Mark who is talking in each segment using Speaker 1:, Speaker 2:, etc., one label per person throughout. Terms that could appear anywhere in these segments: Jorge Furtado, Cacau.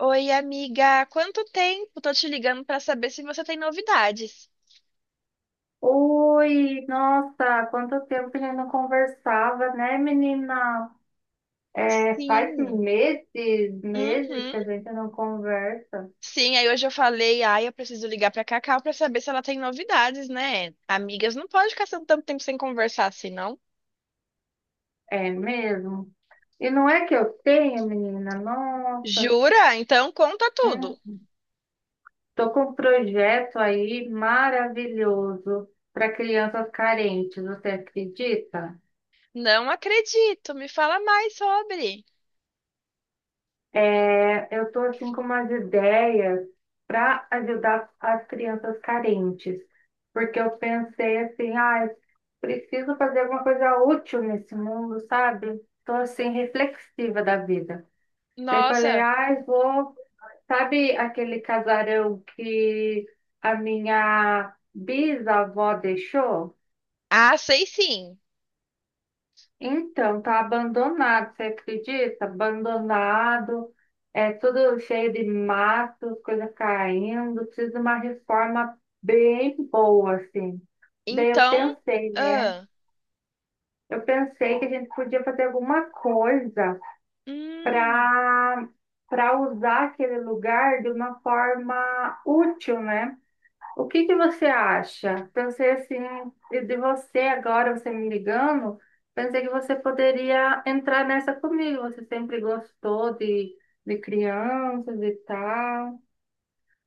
Speaker 1: Oi, amiga, há quanto tempo? Tô te ligando pra saber se você tem novidades.
Speaker 2: Oi, nossa, quanto tempo que a gente não conversava, né, menina? É, faz
Speaker 1: Sim.
Speaker 2: meses, meses
Speaker 1: Uhum.
Speaker 2: que a gente não conversa.
Speaker 1: Sim, aí hoje eu falei, ai, eu preciso ligar pra Cacau pra saber se ela tem novidades, né? Amigas, não pode ficar tanto tempo sem conversar assim, não?
Speaker 2: É mesmo? E não é que eu tenho, menina? Nossa,
Speaker 1: Jura? Então conta tudo.
Speaker 2: hum, tô com um projeto aí maravilhoso para crianças carentes, você acredita?
Speaker 1: Não acredito, me fala mais sobre.
Speaker 2: É, eu estou assim com umas ideias para ajudar as crianças carentes, porque eu pensei assim, ah, preciso fazer alguma coisa útil nesse mundo, sabe? Estou assim reflexiva da vida. Daí falei,
Speaker 1: Nossa.
Speaker 2: ah, vou, sabe aquele casarão que a minha bisavó deixou?
Speaker 1: Ah, sei sim.
Speaker 2: Então, tá abandonado, você acredita? Abandonado, é tudo cheio de mato, coisa caindo, precisa de uma reforma bem boa, assim. Daí eu
Speaker 1: Então,
Speaker 2: pensei, né?
Speaker 1: ah,
Speaker 2: Eu pensei que a gente podia fazer alguma coisa
Speaker 1: hum.
Speaker 2: para para usar aquele lugar de uma forma útil, né? O que que você acha? Pensei assim, de você agora, você me ligando, pensei que você poderia entrar nessa comigo. Você sempre gostou de crianças e tal.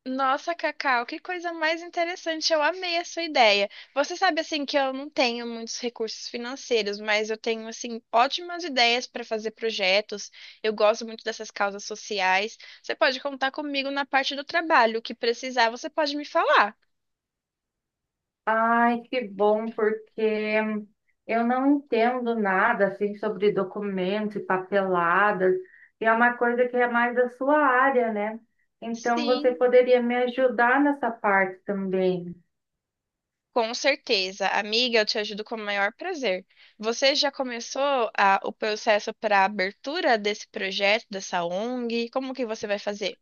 Speaker 1: Nossa, Cacau, que coisa mais interessante. Eu amei a sua ideia. Você sabe assim que eu não tenho muitos recursos financeiros, mas eu tenho assim ótimas ideias para fazer projetos. Eu gosto muito dessas causas sociais. Você pode contar comigo na parte do trabalho, o que precisar, você pode me falar.
Speaker 2: Ai, que bom, porque eu não entendo nada assim sobre documentos e papeladas, e é uma coisa que é mais da sua área, né? Então você
Speaker 1: Sim,
Speaker 2: poderia me ajudar nessa parte também.
Speaker 1: com certeza. Amiga, eu te ajudo com o maior prazer. Você já começou o processo para a abertura desse projeto, dessa ONG? Como que você vai fazer?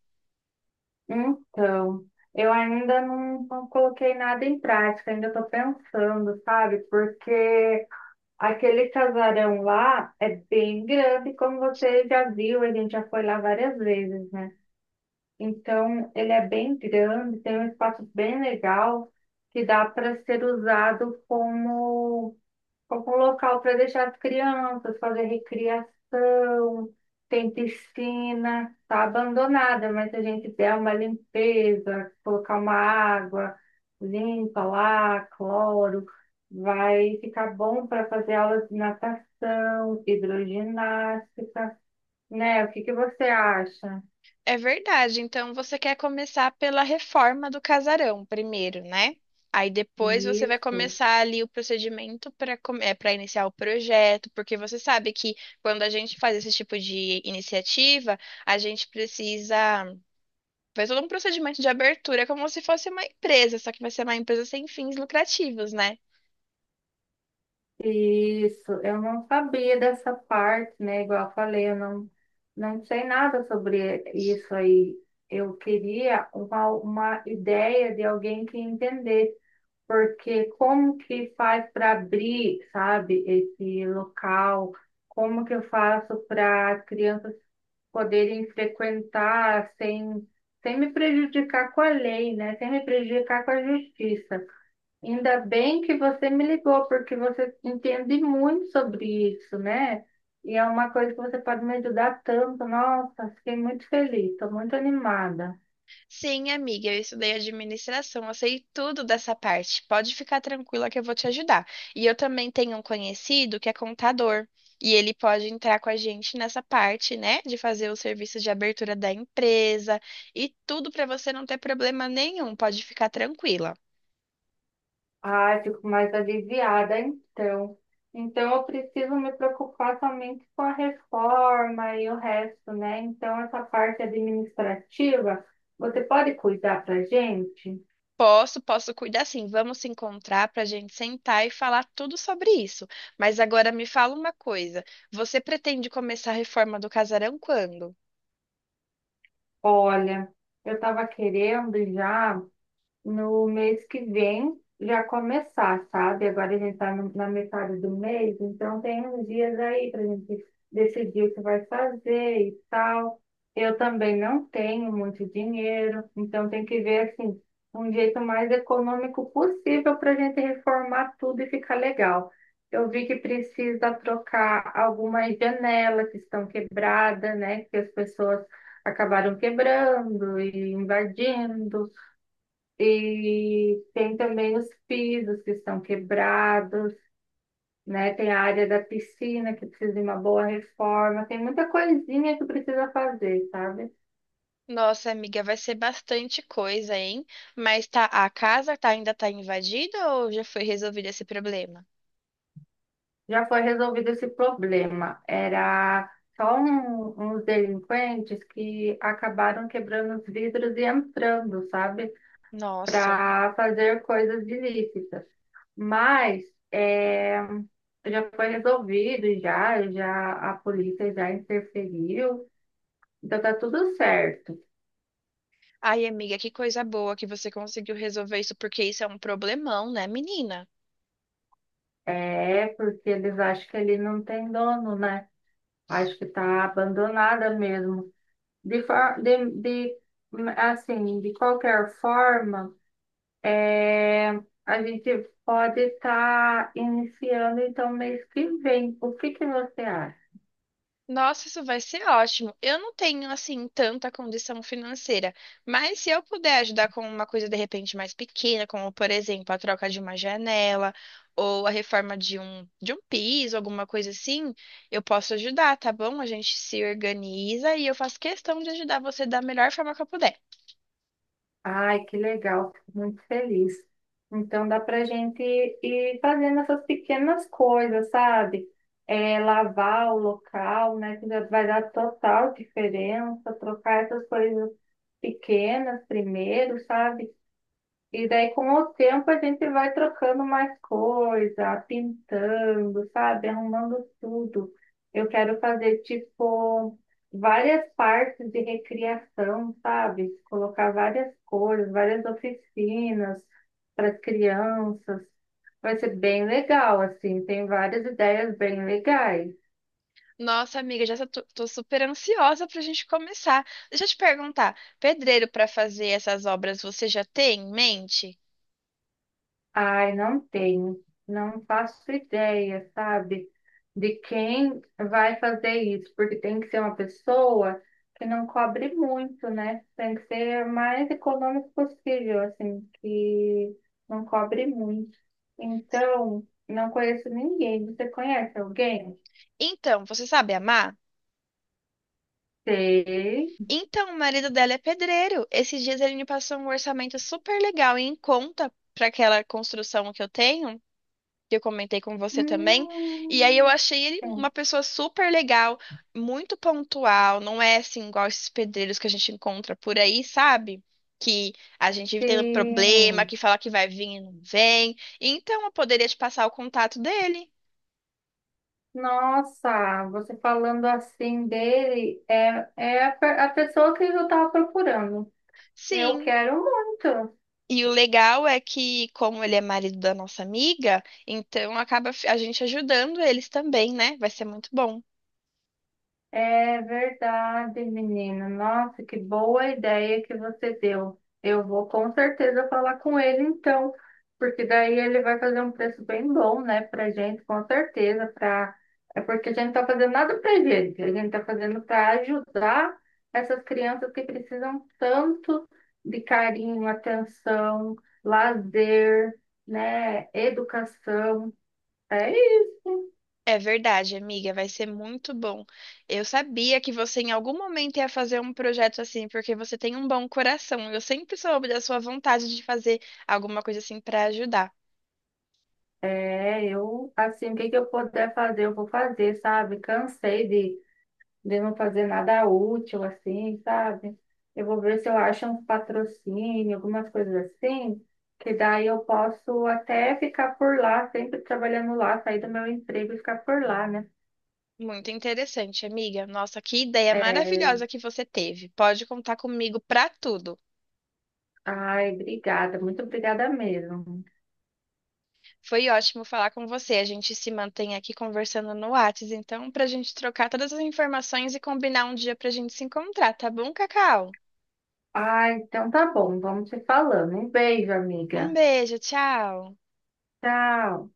Speaker 2: Então, eu ainda não coloquei nada em prática, ainda estou pensando, sabe? Porque aquele casarão lá é bem grande, como você já viu, a gente já foi lá várias vezes, né? Então, ele é bem grande, tem um espaço bem legal que dá para ser usado como algum local para deixar as crianças, fazer recriação, tem piscina, tá abandonada, mas se a gente der uma limpeza, colocar uma água limpa lá, cloro, vai ficar bom para fazer aulas de natação, hidroginástica, né? O que que você acha
Speaker 1: É verdade. Então você quer começar pela reforma do casarão primeiro, né? Aí depois você vai
Speaker 2: nisso?
Speaker 1: começar ali o procedimento para para iniciar o projeto, porque você sabe que quando a gente faz esse tipo de iniciativa, a gente precisa fazer todo um procedimento de abertura, como se fosse uma empresa, só que vai ser uma empresa sem fins lucrativos, né?
Speaker 2: Isso, eu não sabia dessa parte, né? Igual eu falei, eu não, não sei nada sobre isso aí. Eu queria uma ideia de alguém que entender, porque como que faz para abrir, sabe, esse local? Como que eu faço para as crianças poderem frequentar sem, sem me prejudicar com a lei, né? Sem me prejudicar com a justiça? Ainda bem que você me ligou, porque você entende muito sobre isso, né? E é uma coisa que você pode me ajudar tanto. Nossa, fiquei muito feliz, estou muito animada.
Speaker 1: Sim, amiga, eu estudei administração, eu sei tudo dessa parte. Pode ficar tranquila que eu vou te ajudar. E eu também tenho um conhecido que é contador, e ele pode entrar com a gente nessa parte, né, de fazer o serviço de abertura da empresa e tudo para você não ter problema nenhum. Pode ficar tranquila.
Speaker 2: Ah, fico mais aliviada, então. Então, eu preciso me preocupar somente com a reforma e o resto, né? Então, essa parte administrativa, você pode cuidar pra gente?
Speaker 1: Posso, posso cuidar sim. Vamos se encontrar para a gente sentar e falar tudo sobre isso. Mas agora me fala uma coisa: você pretende começar a reforma do casarão quando?
Speaker 2: Olha, eu estava querendo já, no mês que vem já começar, sabe? Agora a gente está na metade do mês, então tem uns dias aí para a gente decidir o que vai fazer e tal. Eu também não tenho muito dinheiro, então tem que ver assim um jeito mais econômico possível para a gente reformar tudo e ficar legal. Eu vi que precisa trocar algumas janelas que estão quebradas, né? Que as pessoas acabaram quebrando e invadindo. E tem também os pisos que estão quebrados, né? Tem a área da piscina que precisa de uma boa reforma. Tem muita coisinha que precisa fazer, sabe?
Speaker 1: Nossa, amiga, vai ser bastante coisa, hein? Mas tá, a casa tá, ainda tá invadida ou já foi resolvido esse problema?
Speaker 2: Já foi resolvido esse problema. Era uns delinquentes que acabaram quebrando os vidros e entrando, sabe?
Speaker 1: Nossa.
Speaker 2: Para fazer coisas ilícitas. Mas é, já foi resolvido, já, já a polícia já interferiu. Então tá tudo certo.
Speaker 1: Ai, amiga, que coisa boa que você conseguiu resolver isso, porque isso é um problemão, né, menina?
Speaker 2: É, porque eles acham que ele não tem dono, né? Acho que tá abandonada mesmo. De assim, de qualquer forma, é, a gente pode estar iniciando então mês que vem. O que que você acha?
Speaker 1: Nossa, isso vai ser ótimo. Eu não tenho, assim, tanta condição financeira, mas se eu puder ajudar com uma coisa de repente mais pequena, como, por exemplo, a troca de uma janela ou a reforma de de um piso, alguma coisa assim, eu posso ajudar, tá bom? A gente se organiza e eu faço questão de ajudar você da melhor forma que eu puder.
Speaker 2: Ai, que legal, fico muito feliz. Então dá pra gente ir fazendo essas pequenas coisas, sabe? É, lavar o local, né? Que já vai dar total diferença, trocar essas coisas pequenas primeiro, sabe? E daí, com o tempo, a gente vai trocando mais coisa, pintando, sabe? Arrumando tudo. Eu quero fazer, tipo, várias partes de recriação, sabe? Colocar várias cores, várias oficinas para as crianças. Vai ser bem legal, assim. Tem várias ideias bem legais.
Speaker 1: Nossa, amiga, já tô super ansiosa pra gente começar. Deixa eu te perguntar, pedreiro para fazer essas obras você já tem em mente?
Speaker 2: Ai, não tenho, não faço ideia, sabe, de quem vai fazer isso, porque tem que ser uma pessoa que não cobre muito, né? Tem que ser o mais econômico possível, assim, que não cobre muito. Então, não conheço ninguém. Você conhece alguém?
Speaker 1: Então, você sabe amar?
Speaker 2: Sei.
Speaker 1: Então, o marido dela é pedreiro. Esses dias ele me passou um orçamento super legal e em conta para aquela construção que eu tenho, que eu comentei com você também. E aí eu
Speaker 2: Hum,
Speaker 1: achei ele
Speaker 2: tem.
Speaker 1: uma pessoa super legal, muito pontual, não é assim igual esses pedreiros que a gente encontra por aí, sabe? Que a gente tem um problema,
Speaker 2: Sim.
Speaker 1: que fala que vai vir e não vem. Então, eu poderia te passar o contato dele.
Speaker 2: Nossa, você falando assim dele, a pessoa que eu estava procurando. Eu
Speaker 1: Sim,
Speaker 2: quero muito.
Speaker 1: e o legal é que, como ele é marido da nossa amiga, então acaba a gente ajudando eles também, né? Vai ser muito bom.
Speaker 2: É verdade, menina. Nossa, que boa ideia que você deu. Eu vou com certeza falar com ele então, porque daí ele vai fazer um preço bem bom, né, pra gente, com certeza, pra... É porque a gente não tá fazendo nada pra gente, a gente tá fazendo para ajudar essas crianças que precisam tanto de carinho, atenção, lazer, né, educação. É isso.
Speaker 1: É verdade, amiga, vai ser muito bom. Eu sabia que você em algum momento ia fazer um projeto assim, porque você tem um bom coração. Eu sempre soube da sua vontade de fazer alguma coisa assim para ajudar.
Speaker 2: É, eu, assim, o que que eu puder fazer, eu vou fazer, sabe? Cansei de não fazer nada útil, assim, sabe? Eu vou ver se eu acho um patrocínio, algumas coisas assim, que daí eu posso até ficar por lá, sempre trabalhando lá, sair do meu emprego e ficar por lá, né?
Speaker 1: Muito interessante, amiga. Nossa, que ideia
Speaker 2: É,
Speaker 1: maravilhosa que você teve. Pode contar comigo para tudo.
Speaker 2: ai, obrigada, muito obrigada mesmo.
Speaker 1: Foi ótimo falar com você. A gente se mantém aqui conversando no Whats, então, para a gente trocar todas as informações e combinar um dia para a gente se encontrar, tá bom, Cacau?
Speaker 2: Ai, então tá bom, vamos se falando. Um beijo,
Speaker 1: Um
Speaker 2: amiga.
Speaker 1: beijo, tchau.
Speaker 2: Tchau.